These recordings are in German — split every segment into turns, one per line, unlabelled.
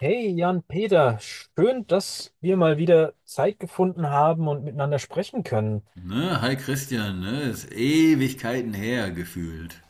Hey Jan-Peter, schön, dass wir mal wieder Zeit gefunden haben und miteinander sprechen können.
Ne, hi Christian, ne, ist Ewigkeiten her gefühlt.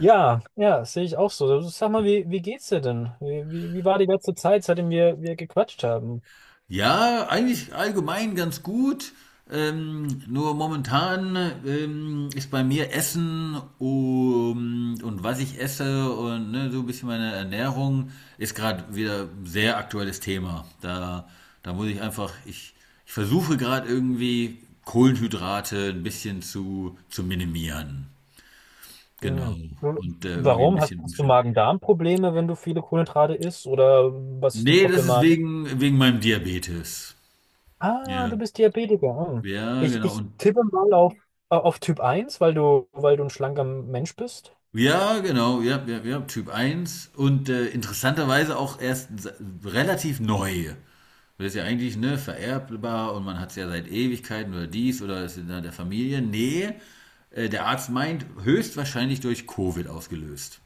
Ja, ja, das sehe ich auch so. Also, sag mal, wie geht's dir denn? Wie war die letzte Zeit, seitdem wir gequatscht haben?
Ja, eigentlich allgemein ganz gut. Nur momentan ist bei mir Essen und was ich esse und ne, so ein bisschen meine Ernährung ist gerade wieder ein sehr aktuelles Thema. Da muss ich einfach, ich versuche gerade irgendwie Kohlenhydrate ein bisschen zu minimieren. Genau.
Hm.
Und irgendwie ein
Warum? Hast,
bisschen
hast du
umstellen.
Magen-Darm-Probleme, wenn du viele Kohlenhydrate isst? Oder was ist die
Nee, das ist
Problematik?
wegen meinem Diabetes.
Ah, du
Ja,
bist Diabetiker. Hm.
ja,
Ich,
genau.
ich
Und,
tippe mal auf Typ eins, weil du ein schlanker Mensch bist.
ja, genau, ja, ja, ja, Typ 1. Und interessanterweise auch erst relativ neu. Das ist ja eigentlich, ne, vererbbar und man hat es ja seit Ewigkeiten oder dies oder ist in der Familie. Nee, der Arzt meint, höchstwahrscheinlich durch Covid ausgelöst.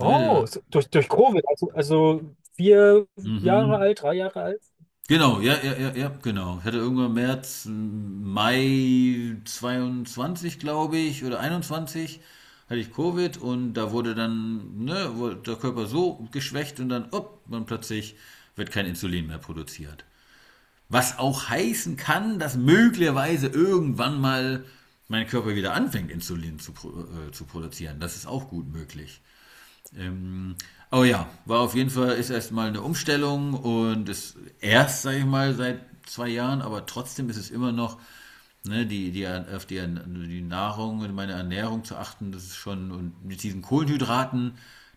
Ne,
durch, durch Covid, also vier Jahre
mhm.
alt, drei Jahre alt.
Genau, ja, ja, ja, ja, genau. Ich hatte irgendwann März, Mai 2022, glaube ich, oder 21, hatte ich Covid und da wurde dann, ne, wurde der Körper so geschwächt und dann, upp, und plötzlich wird kein Insulin mehr produziert. Was auch heißen kann, dass möglicherweise irgendwann mal mein Körper wieder anfängt, Insulin zu produzieren. Das ist auch gut möglich. Ähm, aber ja, war auf jeden Fall, ist erstmal eine Umstellung und ist erst, sage ich mal, seit 2 Jahren, aber trotzdem ist es immer noch, ne, auf die Nahrung und meine Ernährung zu achten, das ist schon, und mit diesen Kohlenhydraten,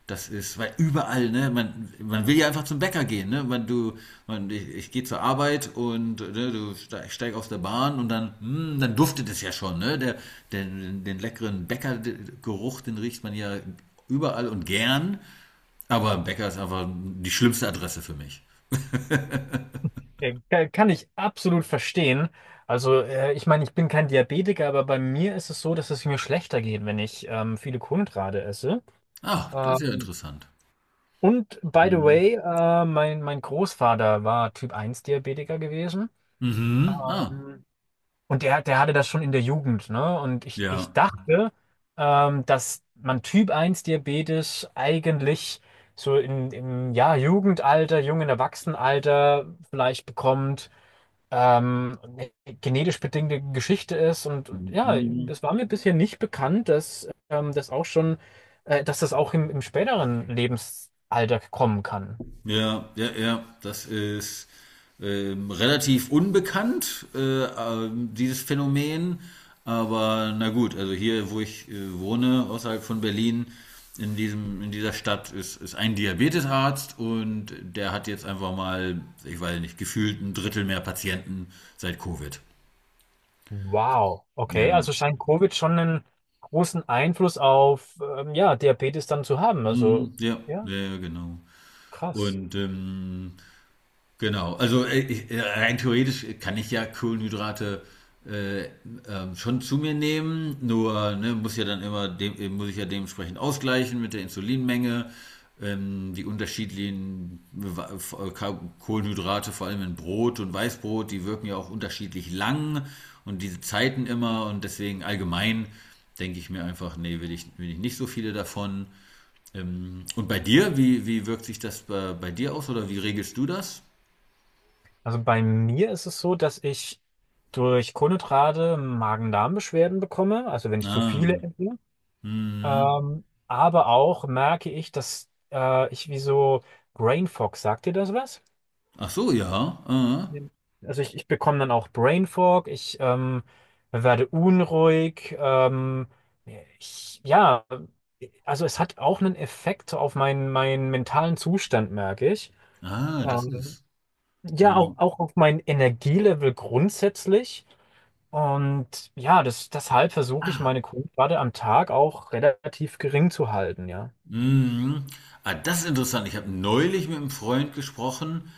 das ist, weil überall, ne, man will ja einfach zum Bäcker gehen, ne, man, du, man, ich gehe zur Arbeit und ne, du steig aus der Bahn und dann, dann duftet es ja schon, ne, den leckeren Bäckergeruch, den riecht man ja überall und gern, aber Bäcker ist einfach die schlimmste Adresse für mich.
Ja, kann ich absolut verstehen. Also, ich meine, ich bin kein Diabetiker, aber bei mir ist es so, dass es mir schlechter geht, wenn ich viele Kohlenhydrate esse.
Ach, das ist ja
Ähm,
interessant.
und by the
Mhm.
way, mein Großvater war Typ 1 Diabetiker gewesen.
Mhm. Ah,
Ähm, Und der hatte das schon in der Jugend, ne? Und ich
ja.
dachte, dass man Typ 1 Diabetes eigentlich so in, im ja, Jugendalter, jungen Erwachsenenalter vielleicht bekommt, eine genetisch bedingte Geschichte ist. Und ja,
Mhm.
das war mir bisher nicht bekannt, dass das auch schon, dass das auch im, im späteren Lebensalter kommen kann.
Ja, ja, ja, das ist relativ unbekannt, dieses Phänomen. Aber na gut, also hier, wo ich wohne, außerhalb von Berlin, in dieser Stadt ist ein Diabetesarzt und der hat jetzt einfach mal, ich weiß nicht, gefühlt ein Drittel mehr Patienten seit Covid.
Wow, okay,
Ja.
also scheint Covid schon einen großen Einfluss auf ja, Diabetes dann zu haben. Also
Mhm, ja,
ja,
ja, ja, genau.
krass.
Und genau, also rein theoretisch kann ich ja Kohlenhydrate äh, schon zu mir nehmen, nur ne, muss ja dann immer muss ich ja dementsprechend ausgleichen mit der Insulinmenge, die unterschiedlichen Kohlenhydrate, vor allem in Brot und Weißbrot, die wirken ja auch unterschiedlich lang und diese Zeiten immer und deswegen allgemein denke ich mir einfach, nee, will ich nicht so viele davon. Und bei dir, wie wirkt sich das bei dir aus oder wie regelst du das?
Also bei mir ist es so, dass ich durch Kohlenhydrate Magen-Darm-Beschwerden bekomme, also wenn ich zu
Ah,
viele esse.
mhm.
Aber auch merke ich, dass ich wie so Brain Fog, sagt dir das was?
Ach so, ja. Ah,
Also ich bekomme dann auch Brain Fog, ich werde unruhig, ich, ja, also es hat auch einen Effekt auf meinen, meinen mentalen Zustand, merke ich.
ah das
Ähm,
ist.
ja, auch,
Mhm.
auch auf mein Energielevel grundsätzlich. Und ja, das, deshalb versuche ich meine Kohlenhydrate am Tag auch relativ gering zu halten, ja.
Mhm. Ah, das ist interessant. Ich habe neulich mit einem Freund gesprochen,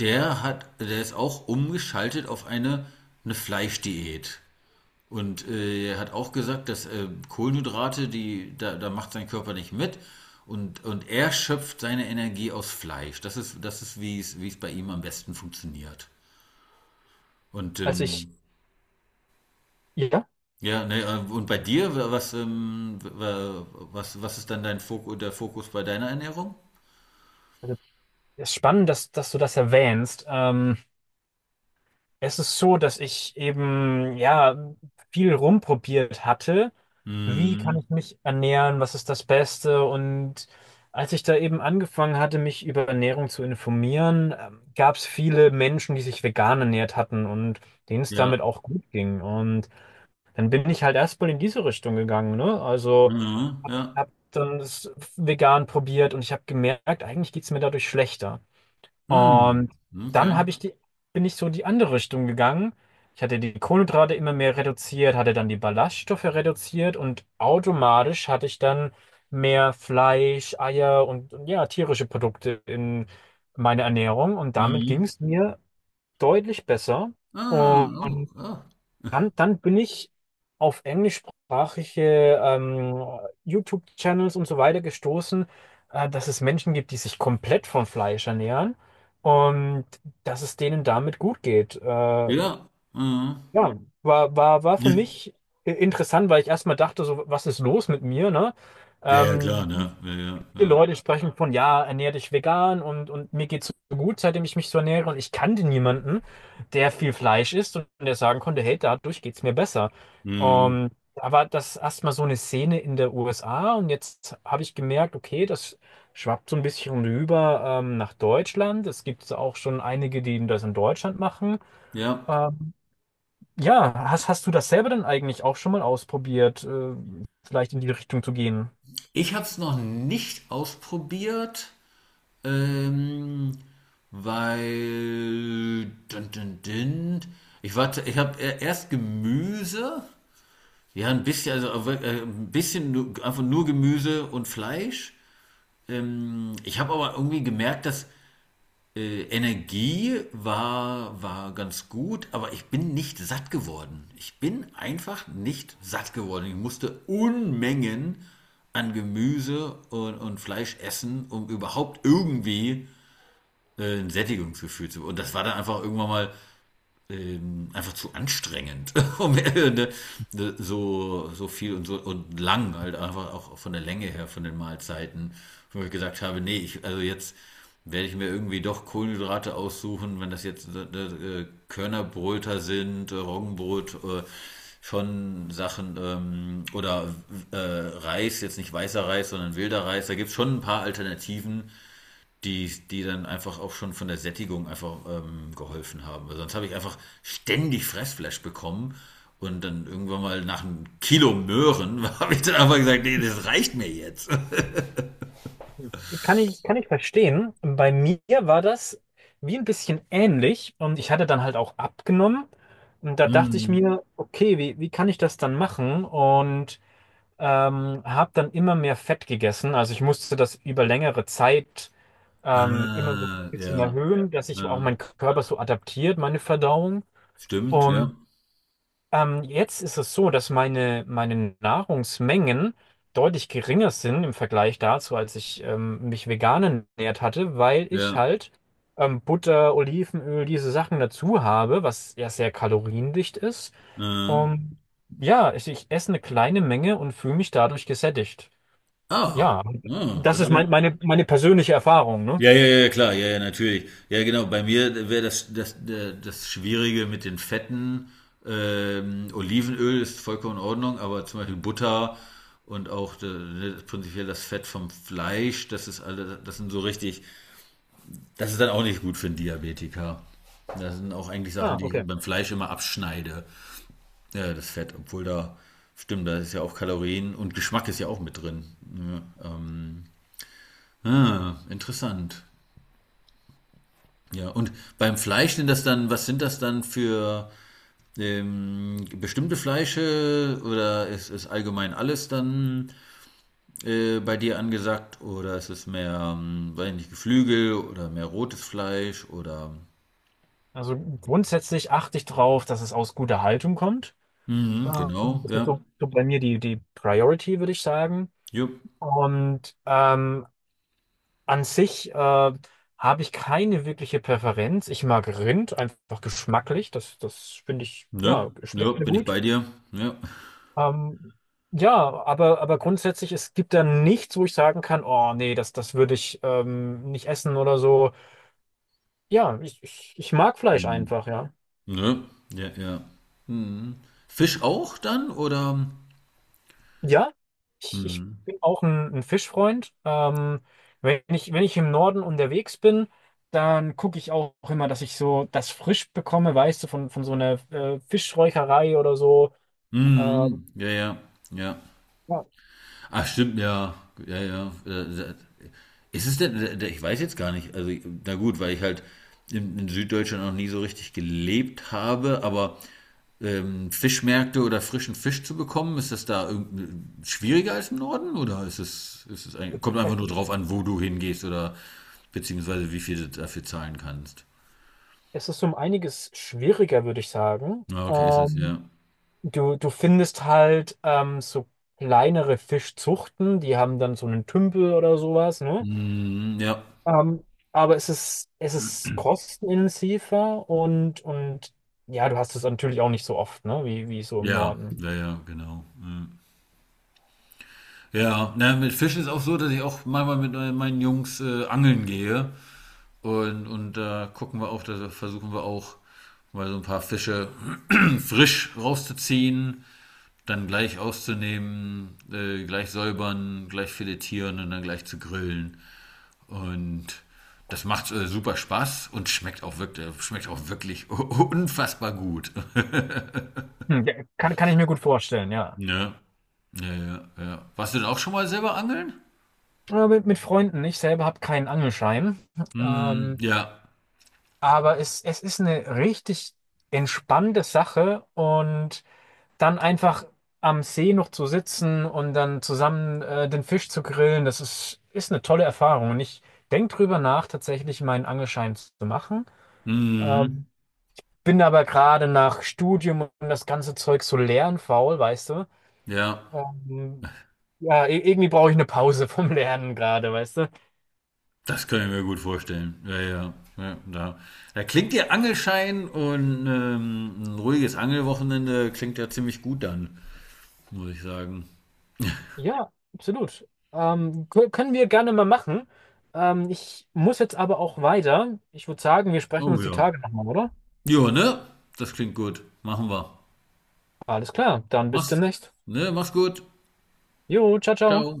der ist auch umgeschaltet auf eine Fleischdiät. Und er hat auch gesagt, dass Kohlenhydrate, da macht sein Körper nicht mit. Und er schöpft seine Energie aus Fleisch. Das ist wie es bei ihm am besten funktioniert. Und
Also ich, ja,
ja, ne, und bei dir, was ist dann dein Fokus, der Fokus bei deiner Ernährung?
also es ist spannend, dass, dass du das erwähnst. Es ist so, dass ich eben ja viel rumprobiert hatte. Wie kann
Mhm.
ich mich ernähren? Was ist das Beste? Und als ich da eben angefangen hatte, mich über Ernährung zu informieren, gab es viele Menschen, die sich vegan ernährt hatten und denen es
Ja.
damit auch gut ging. Und dann bin ich halt erstmal in diese Richtung gegangen, ne? Also
Mhm.
habe hab
Ja.
hab dann das vegan probiert und ich habe gemerkt, eigentlich geht's mir dadurch schlechter. Und
Mhm.
dann
Okay.
habe ich die, bin ich so die andere Richtung gegangen. Ich hatte die Kohlenhydrate immer mehr reduziert, hatte dann die Ballaststoffe reduziert und automatisch hatte ich dann mehr Fleisch, Eier und ja, tierische Produkte in meine Ernährung. Und damit ging
Mhm.
es mir deutlich besser.
Ah, oh,
Und
ah.
dann bin ich auf englischsprachige YouTube-Channels und so weiter gestoßen, dass es Menschen gibt, die sich komplett von Fleisch ernähren und dass es denen damit gut geht.
Ja. Mhm.
Ja, war für mich interessant, weil ich erstmal dachte, so, was ist los mit mir, ne?
Ja, ja, klar,
Ähm,
ne? Ja, ja,
viele
ja.
Leute sprechen von, ja, ernähr dich vegan und mir geht's so gut, seitdem ich mich so ernähre. Und ich kannte niemanden, der viel Fleisch isst und der sagen konnte, hey, dadurch geht's mir besser.
Hm,
Da war das erstmal so eine Szene in der USA und jetzt habe ich gemerkt, okay, das schwappt so ein bisschen rüber nach Deutschland. Es gibt auch schon einige, die das in Deutschland machen.
ja.
Ähm, ja, hast du das selber denn eigentlich auch schon mal ausprobiert, vielleicht in die Richtung zu gehen?
Ich habe es noch nicht ausprobiert, ähm, weil ich warte, ich habe erst Gemüse, ja ein bisschen, also ein bisschen nur, einfach nur Gemüse und Fleisch. Ich habe aber irgendwie gemerkt, dass Energie war ganz gut, aber ich bin nicht satt geworden. Ich bin einfach nicht satt geworden. Ich musste Unmengen an Gemüse und Fleisch essen, um überhaupt irgendwie ein Sättigungsgefühl zu bekommen. Und das war dann einfach irgendwann mal einfach zu anstrengend, um ne, ne, so, so viel und so und lang, halt einfach auch von der Länge her von den Mahlzeiten, wo ich gesagt habe, nee, ich, also jetzt werde ich mir irgendwie doch Kohlenhydrate aussuchen, wenn das jetzt ne, ne, Körnerbröter sind, Roggenbrot, schon Sachen, oder Reis, jetzt nicht weißer Reis, sondern wilder Reis, da gibt es schon ein paar Alternativen, die dann einfach auch schon von der Sättigung einfach geholfen haben. Weil sonst habe ich einfach ständig Fressflash bekommen und dann irgendwann mal nach einem Kilo Möhren habe ich dann einfach gesagt, nee, das reicht mir jetzt.
Kann ich verstehen. Bei mir war das wie ein bisschen ähnlich und ich hatte dann halt auch abgenommen. Und da dachte ich
Mhm.
mir, okay, wie kann ich das dann machen? Und habe dann immer mehr Fett gegessen. Also ich musste das über längere Zeit immer so ein
Ah,
bisschen
ja,
erhöhen, dass sich auch
äh,
mein Körper so adaptiert, meine Verdauung.
stimmt, ja,
Und jetzt ist es so, dass meine Nahrungsmengen deutlich geringer sind im Vergleich dazu, als ich mich vegan ernährt hatte, weil ich
ja.
halt Butter, Olivenöl, diese Sachen dazu habe, was ja sehr kaloriendicht ist.
Äh.
Und ja, ich esse eine kleine Menge und fühle mich dadurch gesättigt.
Ah,
Ja,
ja,
das
das
ist
ist ja,
mein, meine, meine persönliche Erfahrung, ne?
ja, ja, ja, klar, ja, ja, natürlich. Ja, genau, bei mir wäre das, das Schwierige mit den Fetten. Olivenöl ist vollkommen in Ordnung, aber zum Beispiel Butter und auch ne, prinzipiell das Fett vom Fleisch, das ist alle, das sind so richtig, das ist dann auch nicht gut für einen Diabetiker. Das sind auch eigentlich Sachen,
Ah,
die
okay.
ich beim Fleisch immer abschneide, ja, das Fett, obwohl da, stimmt, da ist ja auch Kalorien und Geschmack ist ja auch mit drin. Ja, ah, interessant. Ja, und beim Fleisch sind das dann, was sind das dann für bestimmte Fleische oder ist allgemein alles dann bei dir angesagt oder ist es mehr, weiß nicht, Geflügel oder mehr rotes Fleisch oder
Also grundsätzlich achte ich drauf, dass es aus guter Haltung kommt.
mhm,
Ähm,
genau,
das ist
ja,
so, so bei mir die Priority, würde ich sagen.
jupp,
Und an sich habe ich keine wirkliche Präferenz. Ich mag Rind einfach geschmacklich. Das finde ich, ja,
ne, ja,
schmeckt mir
bin ich
gut.
bei dir, ja,
Ähm, ja, aber grundsätzlich, es gibt da nichts, wo ich sagen kann, oh nee, das würde ich nicht essen oder so. Ja, ich mag Fleisch
Mhm.
einfach, ja.
Ne, ja, ja. Mhm. Fisch auch dann oder?
Ja, ich
Mhm.
bin auch ein Fischfreund. Wenn ich im Norden unterwegs bin, dann gucke ich auch immer, dass ich so das frisch bekomme, weißt du, von so einer Fischräucherei oder so. Äh,
Mhm. Ja, ja, ja.
ja,
Ach, stimmt, ja. Ja, ja. Ist es denn, ich weiß jetzt gar nicht. Also, na gut, weil ich halt in Süddeutschland noch nie so richtig gelebt habe, aber Fischmärkte oder frischen Fisch zu bekommen, ist das da schwieriger als im Norden? Oder ist es eigentlich, kommt einfach
es,
nur drauf an, wo du hingehst oder beziehungsweise wie viel du dafür zahlen kannst?
es ist um einiges schwieriger, würde ich sagen.
Na, okay, ist es, ja.
Du findest halt so kleinere Fischzuchten, die haben dann so einen Tümpel oder sowas, ne?
Hm, ja.
Ähm, aber es ist kostenintensiver und ja, du hast es natürlich auch nicht so oft, ne, wie so im
Ja,
Norden.
ja, ja, genau. Ja. Ja, na, mit Fischen ist auch so, dass ich auch manchmal mit meinen Jungs angeln gehe. Und da gucken wir auch, da versuchen wir auch mal so ein paar Fische frisch rauszuziehen, dann gleich auszunehmen, gleich säubern, gleich filetieren und dann gleich zu grillen. Und das macht super Spaß und schmeckt auch wirklich unfassbar gut.
Hm, ja, kann ich mir gut vorstellen, ja.
Ja, ja, ja, ja. Warst du denn auch schon mal selber angeln?
Aber mit Freunden, ich selber habe keinen Angelschein.
Hm,
Ähm,
ja.
aber es ist eine richtig entspannte Sache und dann einfach am See noch zu sitzen und dann zusammen den Fisch zu grillen, ist eine tolle Erfahrung. Und ich denke drüber nach, tatsächlich meinen Angelschein zu machen.
Hm,
Ähm, bin aber gerade nach Studium und das ganze Zeug so lernfaul, weißt du?
ja.
Ähm, ja, irgendwie brauche ich eine Pause vom Lernen gerade, weißt du?
Das kann ich mir gut vorstellen. Ja, ja. Ja, da klingt der Angelschein und ein ruhiges Angelwochenende klingt ja ziemlich gut dann, muss ich sagen.
Ja, absolut. Können wir gerne mal machen. Ich muss jetzt aber auch weiter. Ich würde sagen, wir sprechen
Oh
uns die
ja.
Tage nochmal, oder?
Ja, ne? Das klingt gut. Machen wir.
Alles klar, dann bis
Mach's,
demnächst.
ne? Mach's gut.
Jo, ciao, ciao.
Ciao.